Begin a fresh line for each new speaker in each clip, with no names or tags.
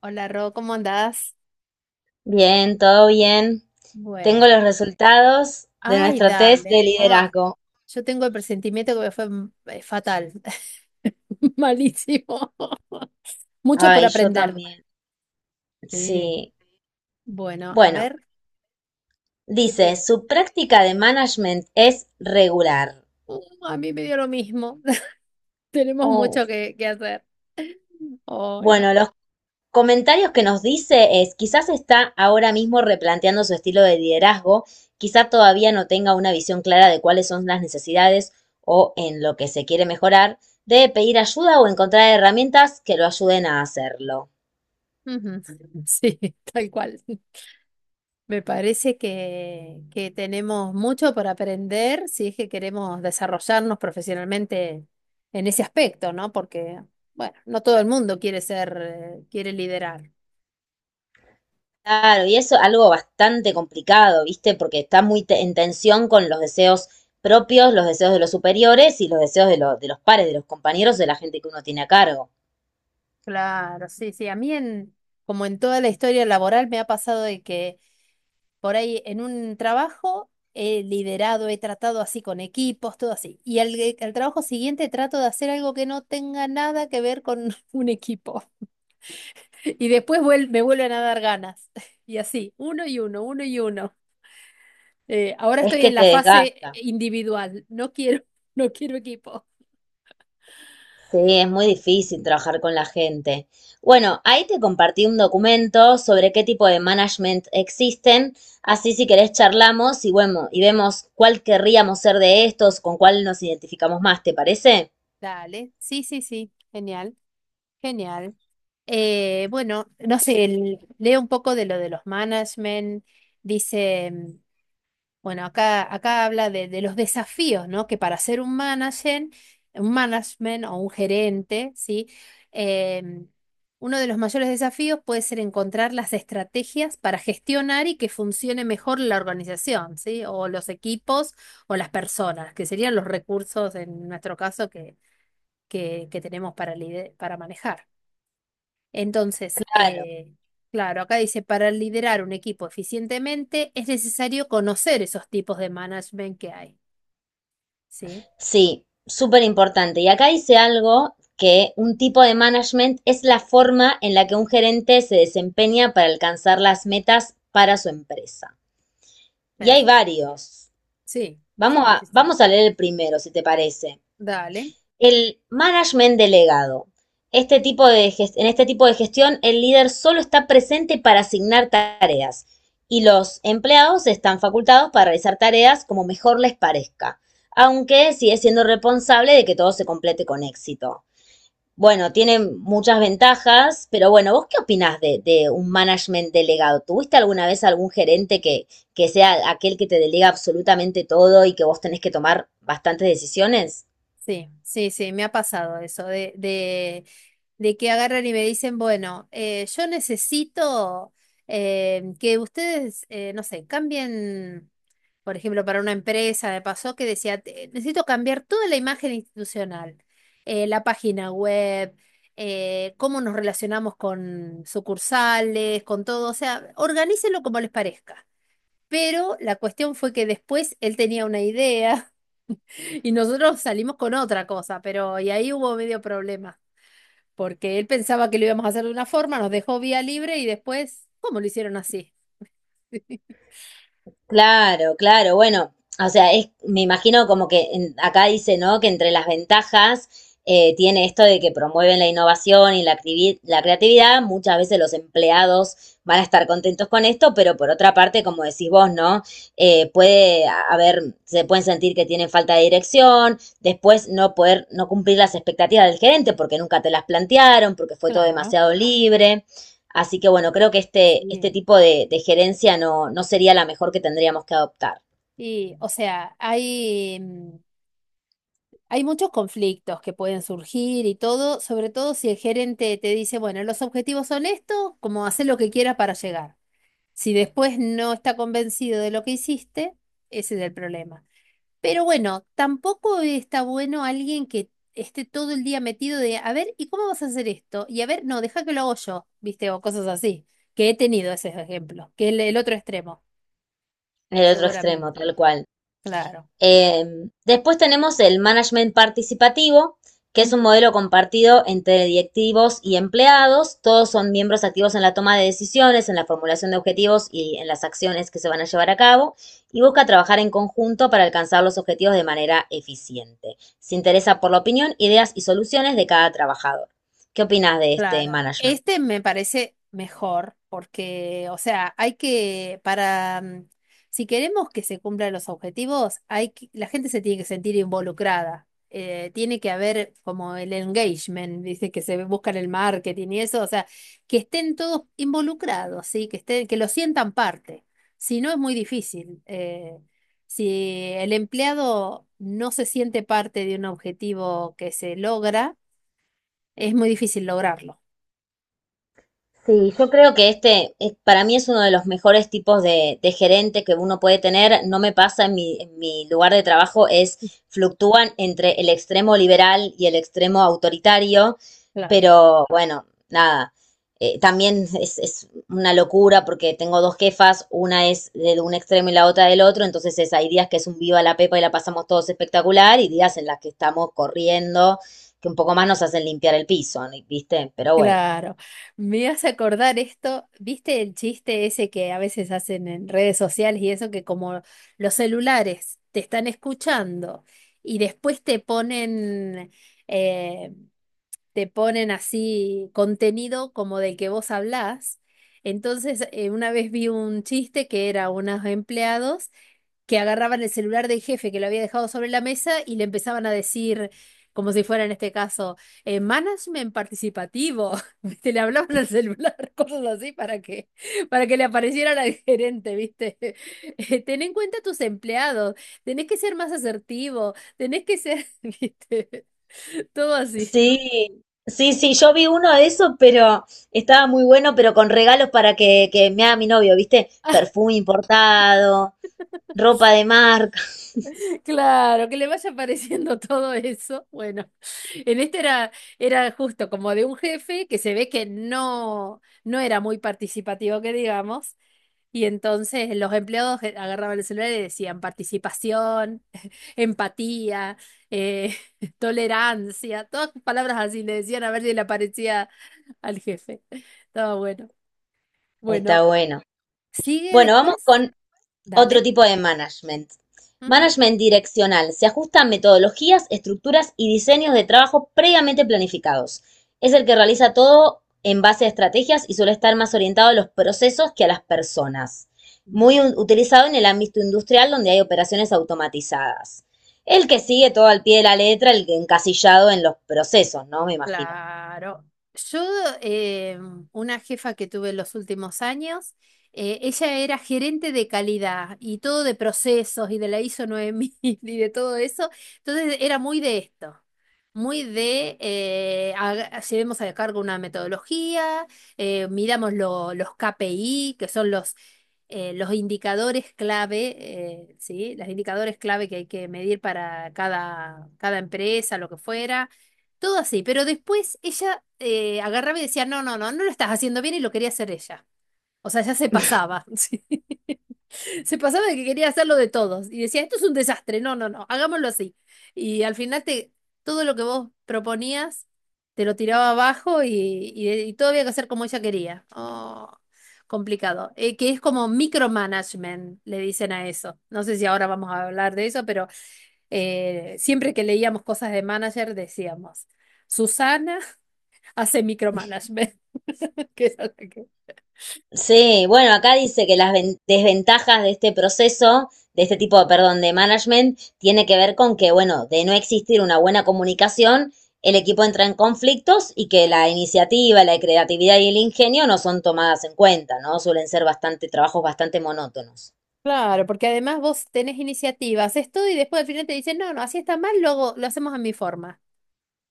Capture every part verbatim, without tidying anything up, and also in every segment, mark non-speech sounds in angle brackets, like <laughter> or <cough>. Hola, Ro, ¿cómo andás?
Bien, todo bien. Tengo
Bueno,
los resultados de
ay,
nuestro test
dale.
de
Ay,
liderazgo.
yo tengo el presentimiento que me fue mm, eh, fatal. <laughs> Malísimo. <laughs> Mucho por
Ay, yo
aprender.
también.
Sí.
Sí.
Bueno, a
Bueno,
ver, ¿qué te
dice,
digo?
su práctica de management es regular.
Uh, a mí me dio lo mismo. <laughs> Tenemos
Oh.
mucho que, que hacer. Ay, da.
Bueno, los comentarios que nos dice es, quizás está ahora mismo replanteando su estilo de liderazgo, quizás todavía no tenga una visión clara de cuáles son las necesidades o en lo que se quiere mejorar, debe pedir ayuda o encontrar herramientas que lo ayuden a hacerlo.
Ujú. Sí, <laughs> tal cual. Me parece que, que tenemos mucho por aprender si es que queremos desarrollarnos profesionalmente en ese aspecto, ¿no? Porque, bueno, no todo el mundo quiere ser, eh, quiere liderar.
Claro, y eso es algo bastante complicado, ¿viste? Porque está muy te- en tensión con los deseos propios, los deseos de los superiores y los deseos de, lo- de los pares, de los compañeros, de la gente que uno tiene a cargo.
Claro, sí, sí. A mí, en, como en toda la historia laboral, me ha pasado de que por ahí en un trabajo he liderado, he tratado así con equipos, todo así. Y al, al trabajo siguiente trato de hacer algo que no tenga nada que ver con <laughs> un equipo. Y después vuel- me vuelven a dar ganas. <laughs> Y así, uno y uno, uno y uno. Eh, ahora
Es
estoy
que
en la
te
fase
desgasta.
individual. No quiero, <laughs> no quiero equipo.
Sí, es muy difícil trabajar con la gente. Bueno, ahí te compartí un documento sobre qué tipo de management existen. Así si querés charlamos y bueno, y vemos cuál querríamos ser de estos, con cuál nos identificamos más, ¿te parece?
Dale. Sí, sí, sí. Genial, genial. Eh, bueno, no sé, el- leo un poco de lo de los management. Dice. Bueno, acá, acá habla de, de los desafíos, ¿no? Que para ser un manager, un management o un gerente, ¿sí? Em, Uno de los mayores desafíos puede ser encontrar las estrategias para gestionar y que funcione mejor la organización, ¿sí? O los equipos o las personas, que serían los recursos en nuestro caso que, que, que tenemos para, lide- para manejar. Entonces,
Claro.
eh, claro, acá dice, para liderar un equipo eficientemente es necesario conocer esos tipos de management que hay. ¿Sí?
Sí, súper importante. Y acá dice algo que un tipo de management es la forma en la que un gerente se desempeña para alcanzar las metas para su empresa. Y hay
Perfecto.
varios.
Sí,
Vamos
sí,
a,
sí, sí.
vamos a leer el primero, si te parece.
Dale.
El management delegado. Este tipo de gest- en este tipo de gestión, el líder solo está presente para asignar tareas y los empleados están facultados para realizar tareas como mejor les parezca, aunque sigue siendo responsable de que todo se complete con éxito. Bueno, tiene muchas ventajas, pero bueno, ¿vos qué opinás de, de un management delegado? ¿Tuviste alguna vez algún gerente que, que sea aquel que te delega absolutamente todo y que vos tenés que tomar bastantes decisiones?
Sí, sí, sí, me ha pasado eso de, de, de que agarran y me dicen, bueno, eh, yo necesito eh, que ustedes, eh, no sé, cambien. Por ejemplo, para una empresa, me pasó que decía: "Te- necesito cambiar toda la imagen institucional, eh, la página web, eh, cómo nos relacionamos con sucursales, con todo, o sea, organícelo como les parezca. Pero la cuestión fue que después él tenía una idea <laughs> y nosotros salimos con otra cosa, pero y ahí hubo medio problema, porque él pensaba que lo íbamos a hacer de una forma, nos dejó vía libre y después, ¿cómo lo hicieron así?" <laughs>
Claro, claro, bueno, o sea, es, me imagino como que en- acá dice, ¿no? Que entre las ventajas eh, tiene esto de que promueven la innovación y la, activi- la creatividad, muchas veces los empleados van a estar contentos con esto, pero por otra parte, como decís vos, ¿no? Eh, puede a- haber, se pueden sentir que tienen falta de dirección, después no poder, no cumplir las expectativas del gerente porque nunca te las plantearon, porque fue todo
Claro,
demasiado libre. Así que bueno, creo que este, este
sí.
tipo de, de gerencia no, no sería la mejor que tendríamos que adoptar.
Y, o sea, hay. Hay muchos conflictos que pueden surgir y todo, sobre todo si el gerente te dice, bueno, los objetivos son estos, como hacer lo que quieras para llegar. Si después no está convencido de lo que hiciste, ese es el problema. Pero bueno, tampoco está bueno alguien que esté todo el día metido de, a ver, ¿y cómo vas a hacer esto? Y a ver, no, deja que lo hago yo, ¿viste? O cosas así, que he tenido ese ejemplo, que es el el otro extremo,
El otro extremo,
seguramente.
tal cual.
Claro.
Eh, después tenemos el management participativo, que es un
Ujú.
modelo compartido entre directivos y empleados. Todos son miembros activos en la toma de decisiones, en la formulación de objetivos y en las acciones que se van a llevar a cabo. Y busca trabajar en conjunto para alcanzar los objetivos de manera eficiente. Se interesa por la opinión, ideas y soluciones de cada trabajador. ¿Qué opinas de este
Claro.
management?
Este me parece mejor porque, o sea, hay que, para, mm, si queremos que se cumplan los objetivos, hay que- la gente se tiene que sentir involucrada. Eh, tiene que haber como el engagement, dice que se busca en el marketing y eso, o sea, que estén todos involucrados, ¿sí? Que estén, que lo sientan parte. Si no, es muy difícil. Eh, si el empleado no se siente parte de un objetivo que se logra, es muy difícil lograrlo.
Sí, yo creo que este eh, para mí es uno de los mejores tipos de, de gerente que uno puede tener. No me pasa en mi, en mi lugar de trabajo, es fluctúan entre el extremo liberal y el extremo autoritario,
Claro,
pero bueno, nada. Eh, también es, es una locura porque tengo dos jefas, una es de un extremo y la otra del otro, entonces es, hay días que es un viva la pepa y la pasamos todos espectacular y días en las que estamos corriendo, que un poco más nos hacen limpiar el piso, ¿no? ¿Viste? Pero bueno.
claro. Me hace acordar esto, ¿viste el chiste ese que a veces hacen en redes sociales y eso que como los celulares te están escuchando y después te ponen, eh, te ponen así contenido como del que vos hablás? Entonces, eh, una vez vi un chiste que era unos empleados que agarraban el celular del jefe que lo había dejado sobre la mesa y le empezaban a decir, como si fuera en este caso, eh, management participativo. <laughs> ¿Viste? Le hablaban al celular, <laughs> cosas así para que, para que le apareciera la gerente, ¿viste? <laughs> Eh, Ten en cuenta a tus empleados, tenés que ser más asertivo, tenés que ser, <laughs> ¿viste? Todo así.
Sí, sí, sí, yo vi uno de esos, pero estaba muy bueno, pero con regalos para que, que me haga mi novio, ¿viste? Perfume importado, ropa de marca. <laughs>
Claro, que le vaya apareciendo <laughs> todo eso. Bueno, en este era, era justo como de un jefe que se ve que no, no era muy participativo, que digamos, y entonces los empleados e, agarraban el celular y decían participación, empatía, eh, <laughs> tolerancia, todas palabras así le decían a ver si le aparecía al jefe. Estaba bueno.
Está
Bueno,
bueno.
sigue
Bueno, vamos
después.
con otro
Dale.
tipo de management. Management direccional. Se ajusta a metodologías, estructuras y diseños de trabajo previamente planificados. Es el que realiza todo en base a estrategias y suele estar más orientado a los procesos que a las personas.
Ujú.
Muy utilizado en el ámbito industrial donde hay operaciones automatizadas. El que sigue todo al pie de la letra, el encasillado en los procesos, ¿no? Me imagino.
Claro. Yo, eh, una jefa que tuve en los últimos años, eh, ella era gerente de calidad y todo de procesos y de la I S O nueve mil <laughs> y de todo eso. Entonces era muy de esto, muy de eh, haga- llevemos a cargo una metodología, eh, miramos lo- los K P I, que son los, eh, los indicadores clave, eh, ¿sí? Los indicadores clave que hay que medir para cada, cada empresa, lo que fuera todo así, pero después ella eh, agarraba y decía, no, no, no, no lo estás haciendo bien y lo quería hacer ella. O sea, ya se pasaba, <laughs> sí. Se pasaba de que quería hacerlo de todos. Y decía, esto es un desastre, no, no, no, hagámoslo así. Y al final te, todo lo que vos proponías te lo tiraba abajo y, y, y todo había que hacer como ella quería. Oh, complicado. Eh, que es como micromanagement, le dicen a eso. No sé si ahora vamos a hablar de eso, pero eh, siempre que leíamos cosas de manager decíamos. Susana hace micromanagement. <laughs> Que es algo que-
Sí, bueno, acá dice que las ven- desventajas de este proceso, de este tipo, perdón, de management, tiene que ver con que, bueno, de no existir una buena comunicación, el equipo entra en conflictos y que la iniciativa, la creatividad y el ingenio no son tomadas en cuenta, ¿no? Suelen ser bastante trabajos bastante monótonos.
claro, porque además vos tenés iniciativa, haces todo y después al final te dicen, no, no, así está mal, luego lo hacemos a mi forma.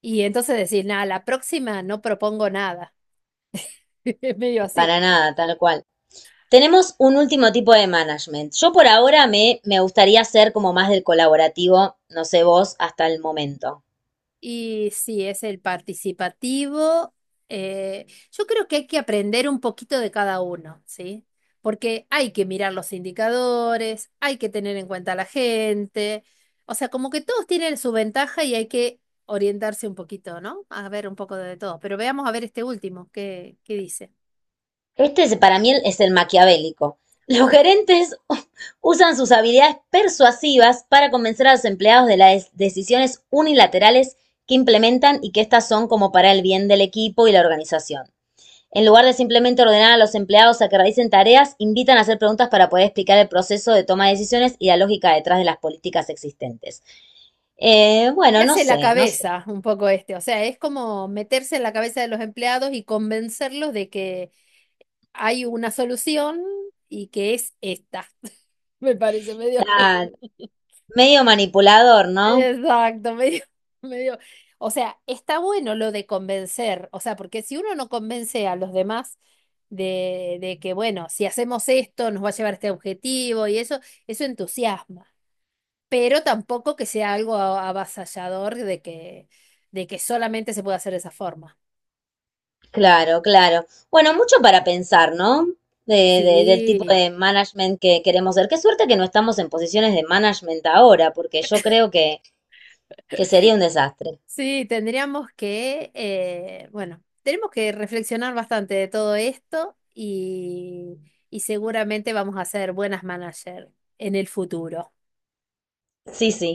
Y entonces decís, nada, la próxima no propongo nada. <laughs> Es medio así.
Para nada, tal cual. Tenemos un último tipo de management. Yo por ahora me, me gustaría ser como más del colaborativo, no sé vos, hasta el momento.
Y sí, es el participativo. Eh, yo creo que hay que aprender un poquito de cada uno, ¿sí? Porque hay que mirar los indicadores, hay que tener en cuenta a la gente. O sea, como que todos tienen su ventaja y hay que orientarse un poquito, ¿no? A ver un poco de todo. Pero veamos a ver este último, ¿qué, qué dice?
Este es- para mí es el maquiavélico. Los
Uh,
gerentes <laughs> usan sus habilidades persuasivas para convencer a los empleados de las decisiones unilaterales que implementan y que estas son como para el bien del equipo y la organización. En lugar de simplemente ordenar a los empleados a que realicen tareas, invitan a hacer preguntas para poder explicar el proceso de toma de decisiones y la lógica detrás de las políticas existentes. Eh, bueno,
Te
no
hace la
sé, no sé.
cabeza un poco este. O sea, es como meterse en la cabeza de los empleados y convencerlos de que hay una solución y que es esta. Me parece medio, <laughs>
Claro, medio manipulador, ¿no?
exacto, medio, medio. O sea, está bueno lo de convencer, o sea, porque si uno no convence a los demás de, de que, bueno, si hacemos esto, nos va a llevar a este objetivo y eso, eso entusiasma. Pero tampoco que sea algo a- avasallador de que, de que solamente se puede hacer de esa forma.
Claro, claro. Bueno, mucho para pensar, ¿no? De, de- del tipo
Sí.
de management que queremos ser. Qué suerte que no estamos en posiciones de management ahora, porque yo creo que, que sería un desastre.
Sí, tendríamos que, eh, bueno, tenemos que reflexionar bastante de todo esto y, y seguramente vamos a ser buenas managers en el futuro.
Sí, sí.